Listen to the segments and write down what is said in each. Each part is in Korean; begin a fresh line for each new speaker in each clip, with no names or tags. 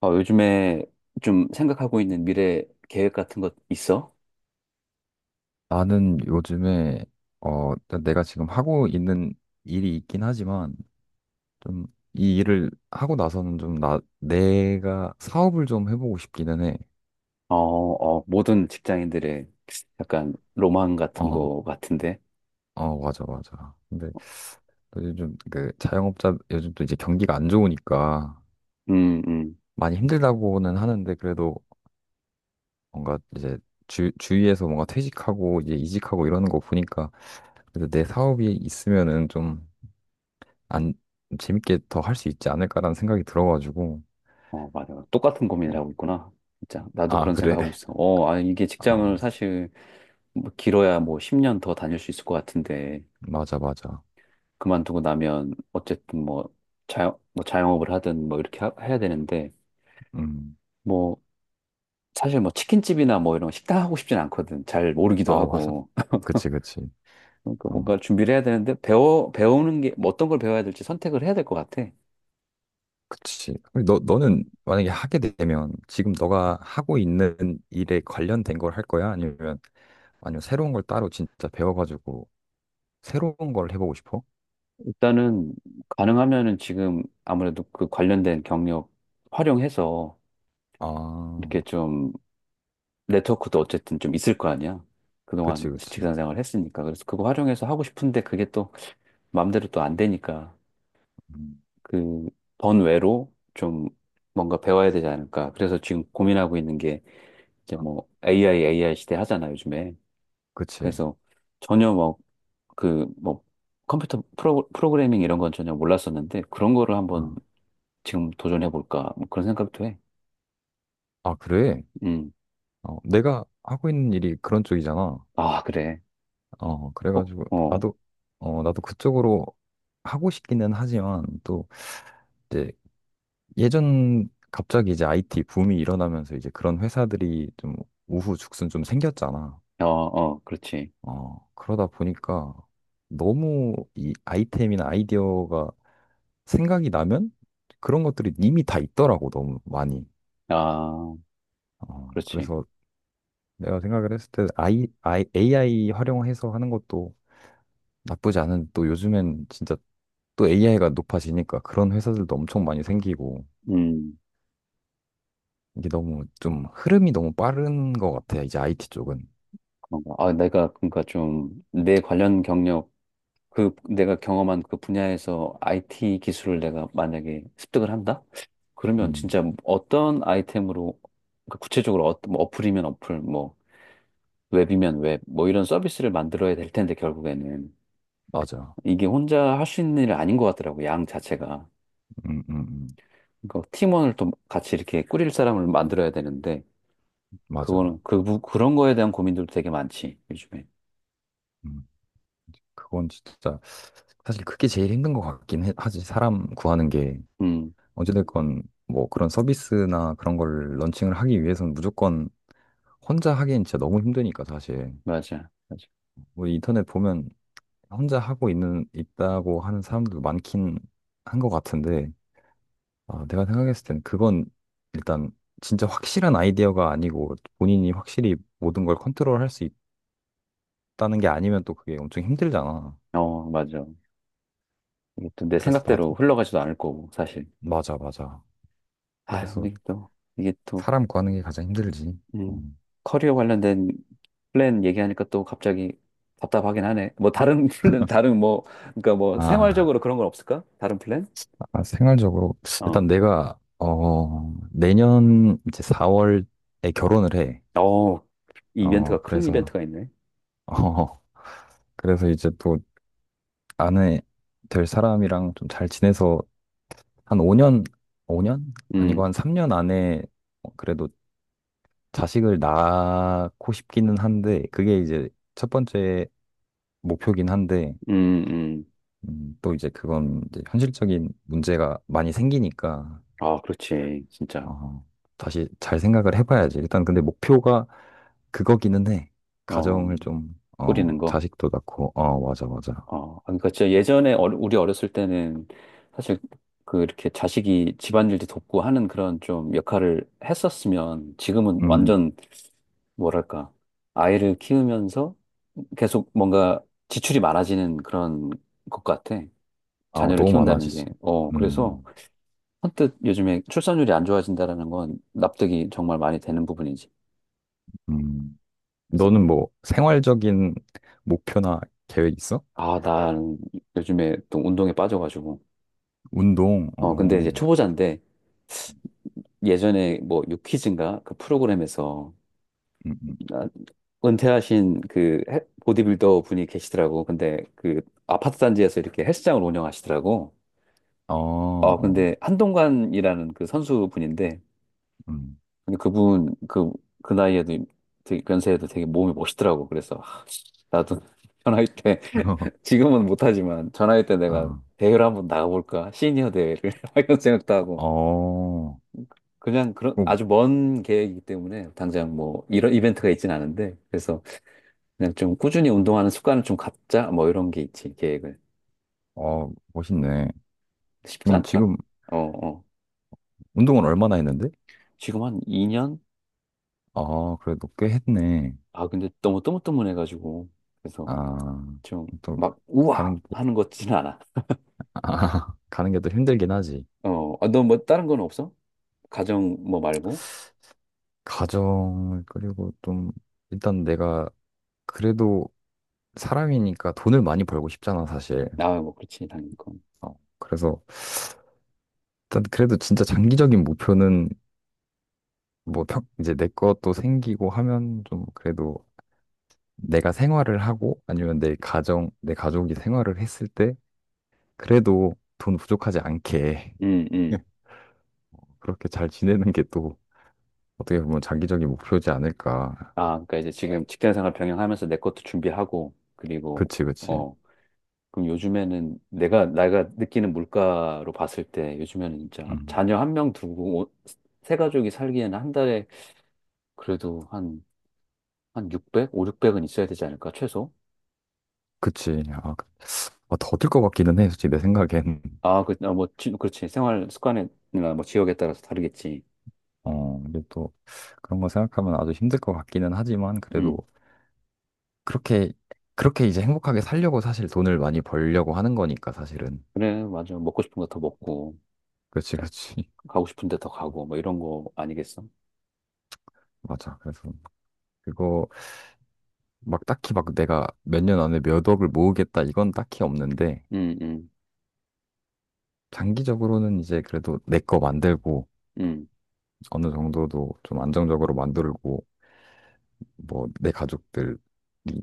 요즘에 좀 생각하고 있는 미래 계획 같은 것 있어?
나는 요즘에 일단 내가 지금 하고 있는 일이 있긴 하지만, 좀 이 일을 하고 나서는 좀 나 내가 사업을 좀 해보고 싶기는 해.
모든 직장인들의 약간 로망 같은
어,
거 같은데.
어 맞아 맞아. 근데 요즘 좀 그 자영업자 요즘 또 이제 경기가 안 좋으니까
음, 음.
많이 힘들다고는 하는데, 그래도 뭔가 이제 주 주위에서 뭔가 퇴직하고 이제 이직하고 이러는 거 보니까, 그래도 내 사업이 있으면은 좀 안 재밌게 더 할 수 있지 않을까라는 생각이 들어가지고.
어, 맞아. 똑같은 고민을
어,
하고 있구나. 진짜. 나도
아,
그런
그래.
생각하고 있어. 어, 아, 이게
어,
직장을 사실 뭐 길어야 뭐 10년 더 다닐 수 있을 것 같은데.
맞아, 맞아.
그만두고 나면 어쨌든 뭐 뭐 자영업을 하든 뭐 이렇게 해야 되는데.
음.
뭐 사실 뭐 치킨집이나 뭐 이런 식당 하고 싶진 않거든. 잘 모르기도
아, 맞아.
하고.
그치, 그치.
그러니까
어,
뭔가 준비를 해야 되는데 배워 배우는 게뭐 어떤 걸 배워야 될지 선택을 해야 될 것 같아.
그치. 근데 너는 만약에 하게 되면 지금 너가 하고 있는 일에 관련된 걸 할 거야? 아니면 새로운 걸 따로 진짜 배워가지고 새로운 걸 해보고 싶어?
일단은 가능하면은 지금 아무래도 그 관련된 경력 활용해서
아,
이렇게 좀 네트워크도 어쨌든 좀 있을 거 아니야. 그동안
그치, 그치.
직장 생활을 했으니까. 그래서 그거 활용해서 하고 싶은데 그게 또 마음대로 또 안 되니까
음,
그 번외로 좀 뭔가 배워야 되지 않을까. 그래서 지금 고민하고 있는 게 이제
어,
뭐 AI 시대 하잖아, 요즘에.
그치.
그래서 전혀 뭐 그 뭐 컴퓨터 프로그래밍 이런 건 전혀 몰랐었는데 그런 거를 한번
어.
지금 도전해 볼까 뭐 그런 생각도 해.
아, 그래.
음.
어, 내가 하고 있는 일이 그런 쪽이잖아.
아, 그래.
어,
어,
그래가지고
어,
나도 그쪽으로 하고 싶기는 하지만 또 이제 예전 갑자기 이제 IT 붐이 일어나면서 이제 그런 회사들이 좀 우후죽순 좀 생겼잖아.
어, 어, 그렇지.
어, 그러다 보니까 너무 이 아이템이나 아이디어가 생각이 나면 그런 것들이 이미 다 있더라고, 너무 많이.
아,
어,
그렇지.
그래서 내가 생각을 했을 때 AI 활용해서 하는 것도 나쁘지 않은, 또 요즘엔 진짜 또 AI가 높아지니까 그런 회사들도 엄청 많이 생기고,
음,
이게 너무 좀 흐름이 너무 빠른 것 같아, 이제 IT 쪽은.
그런가. 아, 내가 그러니까 좀 내 관련 경력 그 내가 경험한 그 분야에서 IT 기술을 내가 만약에 습득을 한다? 그러면
음,
진짜 어떤 아이템으로 그러니까 구체적으로 어, 뭐 어플이면 어플 뭐 웹이면 웹, 뭐 이런 서비스를 만들어야 될 텐데, 결국에는.
맞아.
이게 혼자 할 수 있는 일이 아닌 것 같더라고, 양 자체가.
음, 음, 음,
그러니까 팀원을 또 같이 이렇게 꾸릴 사람을 만들어야 되는데,
맞아.
그거는, 그, 그런 거에 대한 고민들도 되게 많지, 요즘에.
음, 그건 진짜, 사실 그게 제일 힘든 것 같긴 해. 하지. 사람 구하는 게,
음,
어찌됐건, 뭐 그런 서비스나 그런 걸 런칭을 하기 위해서는 무조건 혼자 하기엔 진짜 너무 힘드니까, 사실.
맞아, 맞아.
뭐 인터넷 보면 혼자 하고 있는, 있다고 하는 사람들도 많긴 한 것 같은데, 아, 내가 생각했을 땐 그건 일단 진짜 확실한 아이디어가 아니고 본인이 확실히 모든 걸 컨트롤 할 수 있다는 게 아니면 또 그게 엄청 힘들잖아.
어, 맞아. 이게 또 내
그래서
생각대로
나도
흘러가지도 않을 거고, 사실.
맞아 맞아.
아,
그래서
근데 또, 이게 또,
사람 구하는 게 가장 힘들지.
음,
음.
커리어 관련된 플랜 얘기하니까 또 갑자기 답답하긴 하네. 뭐, 다른 플랜, 다른 뭐, 그러니까 뭐,
아,
생활적으로 그런 건 없을까? 다른 플랜?
아, 생활적으로
어,
일단 내가 내년 이제 4월에 결혼을 해.
어, 이벤트가, 큰
그래서
이벤트가 있네.
어 그래서 이제 또 아내 될 사람이랑 좀 잘 지내서 한 5년, 5년 아니고
음.
한 3년 안에 어, 그래도 자식을 낳고 싶기는 한데 그게 이제 첫 번째 목표긴 한데,
음, 음.
또 이제 그건 이제 현실적인 문제가 많이 생기니까
아, 그렇지. 진짜.
어, 다시 잘 생각을 해봐야지. 일단 근데 목표가 그거기는 해.
어,
가정을 좀
꾸리는
어,
거.
자식도 낳고 어 맞아 맞아.
어, 아, 그러니까 진짜 예전에 우리 어렸을 때는 사실 그 이렇게 자식이 집안일도 돕고 하는 그런 좀 역할을 했었으면 지금은
음,
완전 뭐랄까. 아이를 키우면서 계속 뭔가 지출이 많아지는 그런 것 같아.
아
자녀를
너무
키운다는 게.
많아졌어.
어, 그래서
음,
선뜻 요즘에 출산율이 안 좋아진다라는 건 납득이 정말 많이 되는 부분이지.
음. 너는 뭐 생활적인 목표나 계획 있어?
아, 난 요즘에 또 운동에 빠져가지고.
운동. 어,
어, 근데 이제 초보자인데 예전에 뭐 유퀴즈인가 그 프로그램에서
음.
아, 은퇴하신 그 보디빌더 분이 계시더라고. 근데 그 아파트 단지에서 이렇게 헬스장을 운영하시더라고.
어,
어,
어,
근데 한동관이라는 그 선수분인데
음.
근데 그분 그, 그 나이에도 되게 연세에도 되게 몸이 멋있더라고. 그래서 하, 나도 전화할 때 지금은 못하지만 전화할 때 내가
아,
대회를 한번 나가볼까? 시니어 대회를 이런 생각도
어,
하고.
어,
그냥 그런 아주 먼 계획이기 때문에 당장 뭐 이런 이벤트가 있진 않은데 그래서 그냥 좀 꾸준히 운동하는 습관을 좀 갖자 뭐 이런 게 있지 계획을
어, 멋있네.
쉽지
그럼
않더라.
지금
어, 어.
운동을 얼마나 했는데?
지금 한 2년?
아, 그래도 꽤 했네.
아 근데 너무 뜨문뜨문해가지고 그래서
아,
좀
또,
막 우와
가는 게,
하는 것 같지는 않아.
아, 가는 게 또 힘들긴 하지.
어, 아, 너뭐 다른 건 없어? 가정 뭐 말고?
가정을 그리고 좀, 일단 내가 그래도 사람이니까 돈을 많이 벌고 싶잖아, 사실.
아, 뭐 그렇지 당연히 그건.
어, 그래서, 일단 그래도 진짜 장기적인 목표는 뭐, 평, 이제 내 것도 생기고 하면 좀 그래도 내가 생활을 하고 아니면 내 가정, 내 가족이 생활을 했을 때 그래도 돈 부족하지 않게
음, 음.
그렇게 잘 지내는 게또 어떻게 보면 장기적인 목표지 않을까.
아, 그러니까 이제 지금 직장생활 병행하면서 내 것도 준비하고 그리고
그치, 그치.
어 그럼 요즘에는 내가 내가 느끼는 물가로 봤을 때 요즘에는 진짜
음,
자녀 한 명 두고 세 가족이 살기에는 한 달에 그래도 한 600, 5, 600은 있어야 되지 않을까 최소?
그치. 아, 더들 것 같기는 해, 솔직히 내 생각엔.
아, 그, 아, 뭐, 그렇지. 생활 습관이나 뭐 지역에 따라서 다르겠지.
어, 이게 또 그런 거 생각하면 아주 힘들 것 같기는 하지만 그래도
음,
그렇게, 그렇게 이제 행복하게 살려고 사실 돈을 많이 벌려고 하는 거니까 사실은.
그래, 맞아. 먹고 싶은 거 더 먹고,
그치,
자,
그치.
가고 싶은 데 더 가고, 뭐 이런 거 아니겠어?
맞아. 그래서 그거 막 딱히 막 내가 몇 년 안에 몇 억을 모으겠다 이건 딱히 없는데
음, 음,
장기적으로는 이제 그래도 내 거 만들고
음,
어느 정도도 좀 안정적으로 만들고 뭐 내 가족들이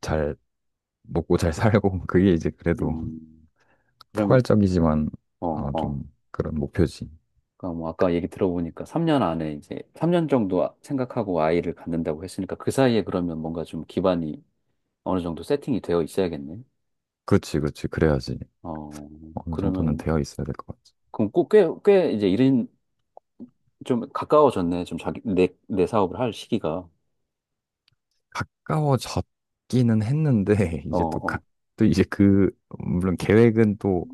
잘 먹고 잘 살고 그게 이제 그래도
음. 그러면,
포괄적이지만
어,
어,
어.
좀 그런 목표지.
그러니까 뭐 아까 얘기 들어보니까 3년 안에 이제 3년 정도 생각하고 아이를 갖는다고 했으니까 그 사이에 그러면 뭔가 좀 기반이 어느 정도 세팅이 되어 있어야겠네.
그렇지, 그렇지. 그래야지
어,
어느 정도는
그러면
되어 있어야 될 것 같지.
그럼 꼭꽤꽤 이제 일은 좀 가까워졌네. 좀 자기 내 사업을 할 시기가.
가까워졌기는 했는데
어,
이제 또 가,
어.
또 이제 그 물론 계획은 또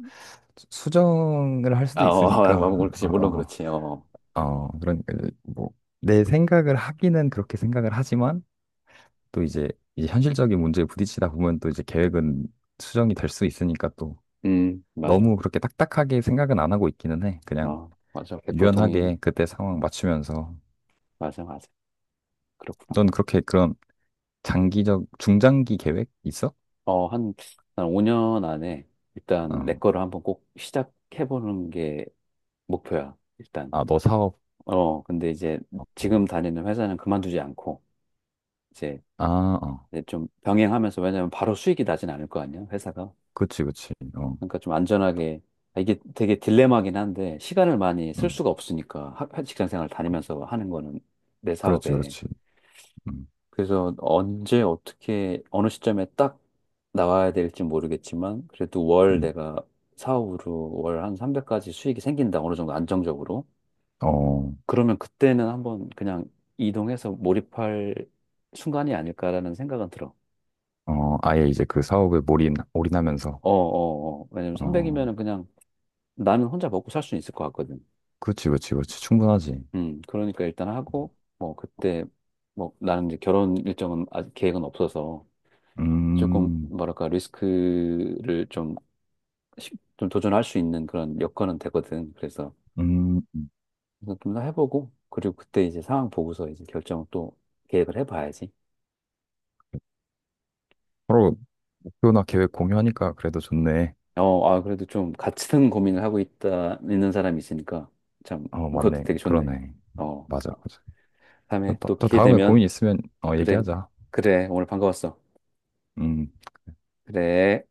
수정을 할
아,
수도
어, 아, 뭐
있으니까
그렇지. 물론
어,
그렇지. 어. 어.
어 그러니까 이제 뭐내 생각을 하기는 그렇게 생각을 하지만 또 이제 이 현실적인 문제에 부딪히다 보면 또 이제 계획은 수정이 될 수 있으니까
맞아.
너무 그렇게 딱딱하게 생각은 안 하고 있기는 해. 그냥
어, 맞아. 100% 동의해.
유연하게 그때 상황 맞추면서.
맞아, 맞아. 그렇구나.
넌 그렇게 그런 장기적, 중장기 계획 있어?
어, 한, 한 5년 안에
어.
일단 내 거를 한번 꼭 시작해보는 게 목표야, 일단.
아, 너 사업.
어, 근데 이제
어.
지금 다니는 회사는 그만두지 않고, 이제,
아, 어.
이제 좀 병행하면서, 왜냐면 바로 수익이 나진 않을 거 아니야, 회사가.
그치, 그치. 어.
그러니까 좀 안전하게, 아, 이게 되게 딜레마긴 한데, 시간을 많이 쓸
음.
수가 없으니까, 직장 생활 다니면서 하는 거는 내
그렇지,
사업에.
그렇지. 음.
그래서 언제, 어떻게, 어느 시점에 딱 나와야 될지 모르겠지만, 그래도 월
음.
내가 사업으로 월 한 300까지 수익이 생긴다, 어느 정도 안정적으로.
어.
그러면 그때는 한번 그냥 이동해서 몰입할 순간이 아닐까라는 생각은 들어.
어. 아예 이제 그 사업에 올인하면서.
어, 어, 어. 왜냐면
어.
300이면은 그냥 나는 혼자 먹고 살 수 있을 것 같거든.
그렇지, 그렇지, 그렇지. 충분하지.
그러니까 일단 하고, 뭐, 그때, 뭐, 나는 이제 결혼 일정은 아직 계획은 없어서 조금,
음.
뭐랄까, 리스크를 좀, 좀 도전할 수 있는 그런 여건은 되거든. 그래서
음.
좀 더 해보고, 그리고 그때 이제 상황 보고서 이제 결정을 또 계획을 해봐야지.
서로 목표나 계획 공유하니까 그래도 좋네.
어, 아, 그래도 좀 같은 고민을 하고 있는 사람이 있으니까 참,
어,
그것도
맞네.
되게 좋네.
그러네.
어,
맞아,
아,
맞아.
다음에 또
또
기회
다음에 고민
되면,
있으면 어,
그래, 그래.
얘기하자.
그래, 오늘 반가웠어.
음.
그래.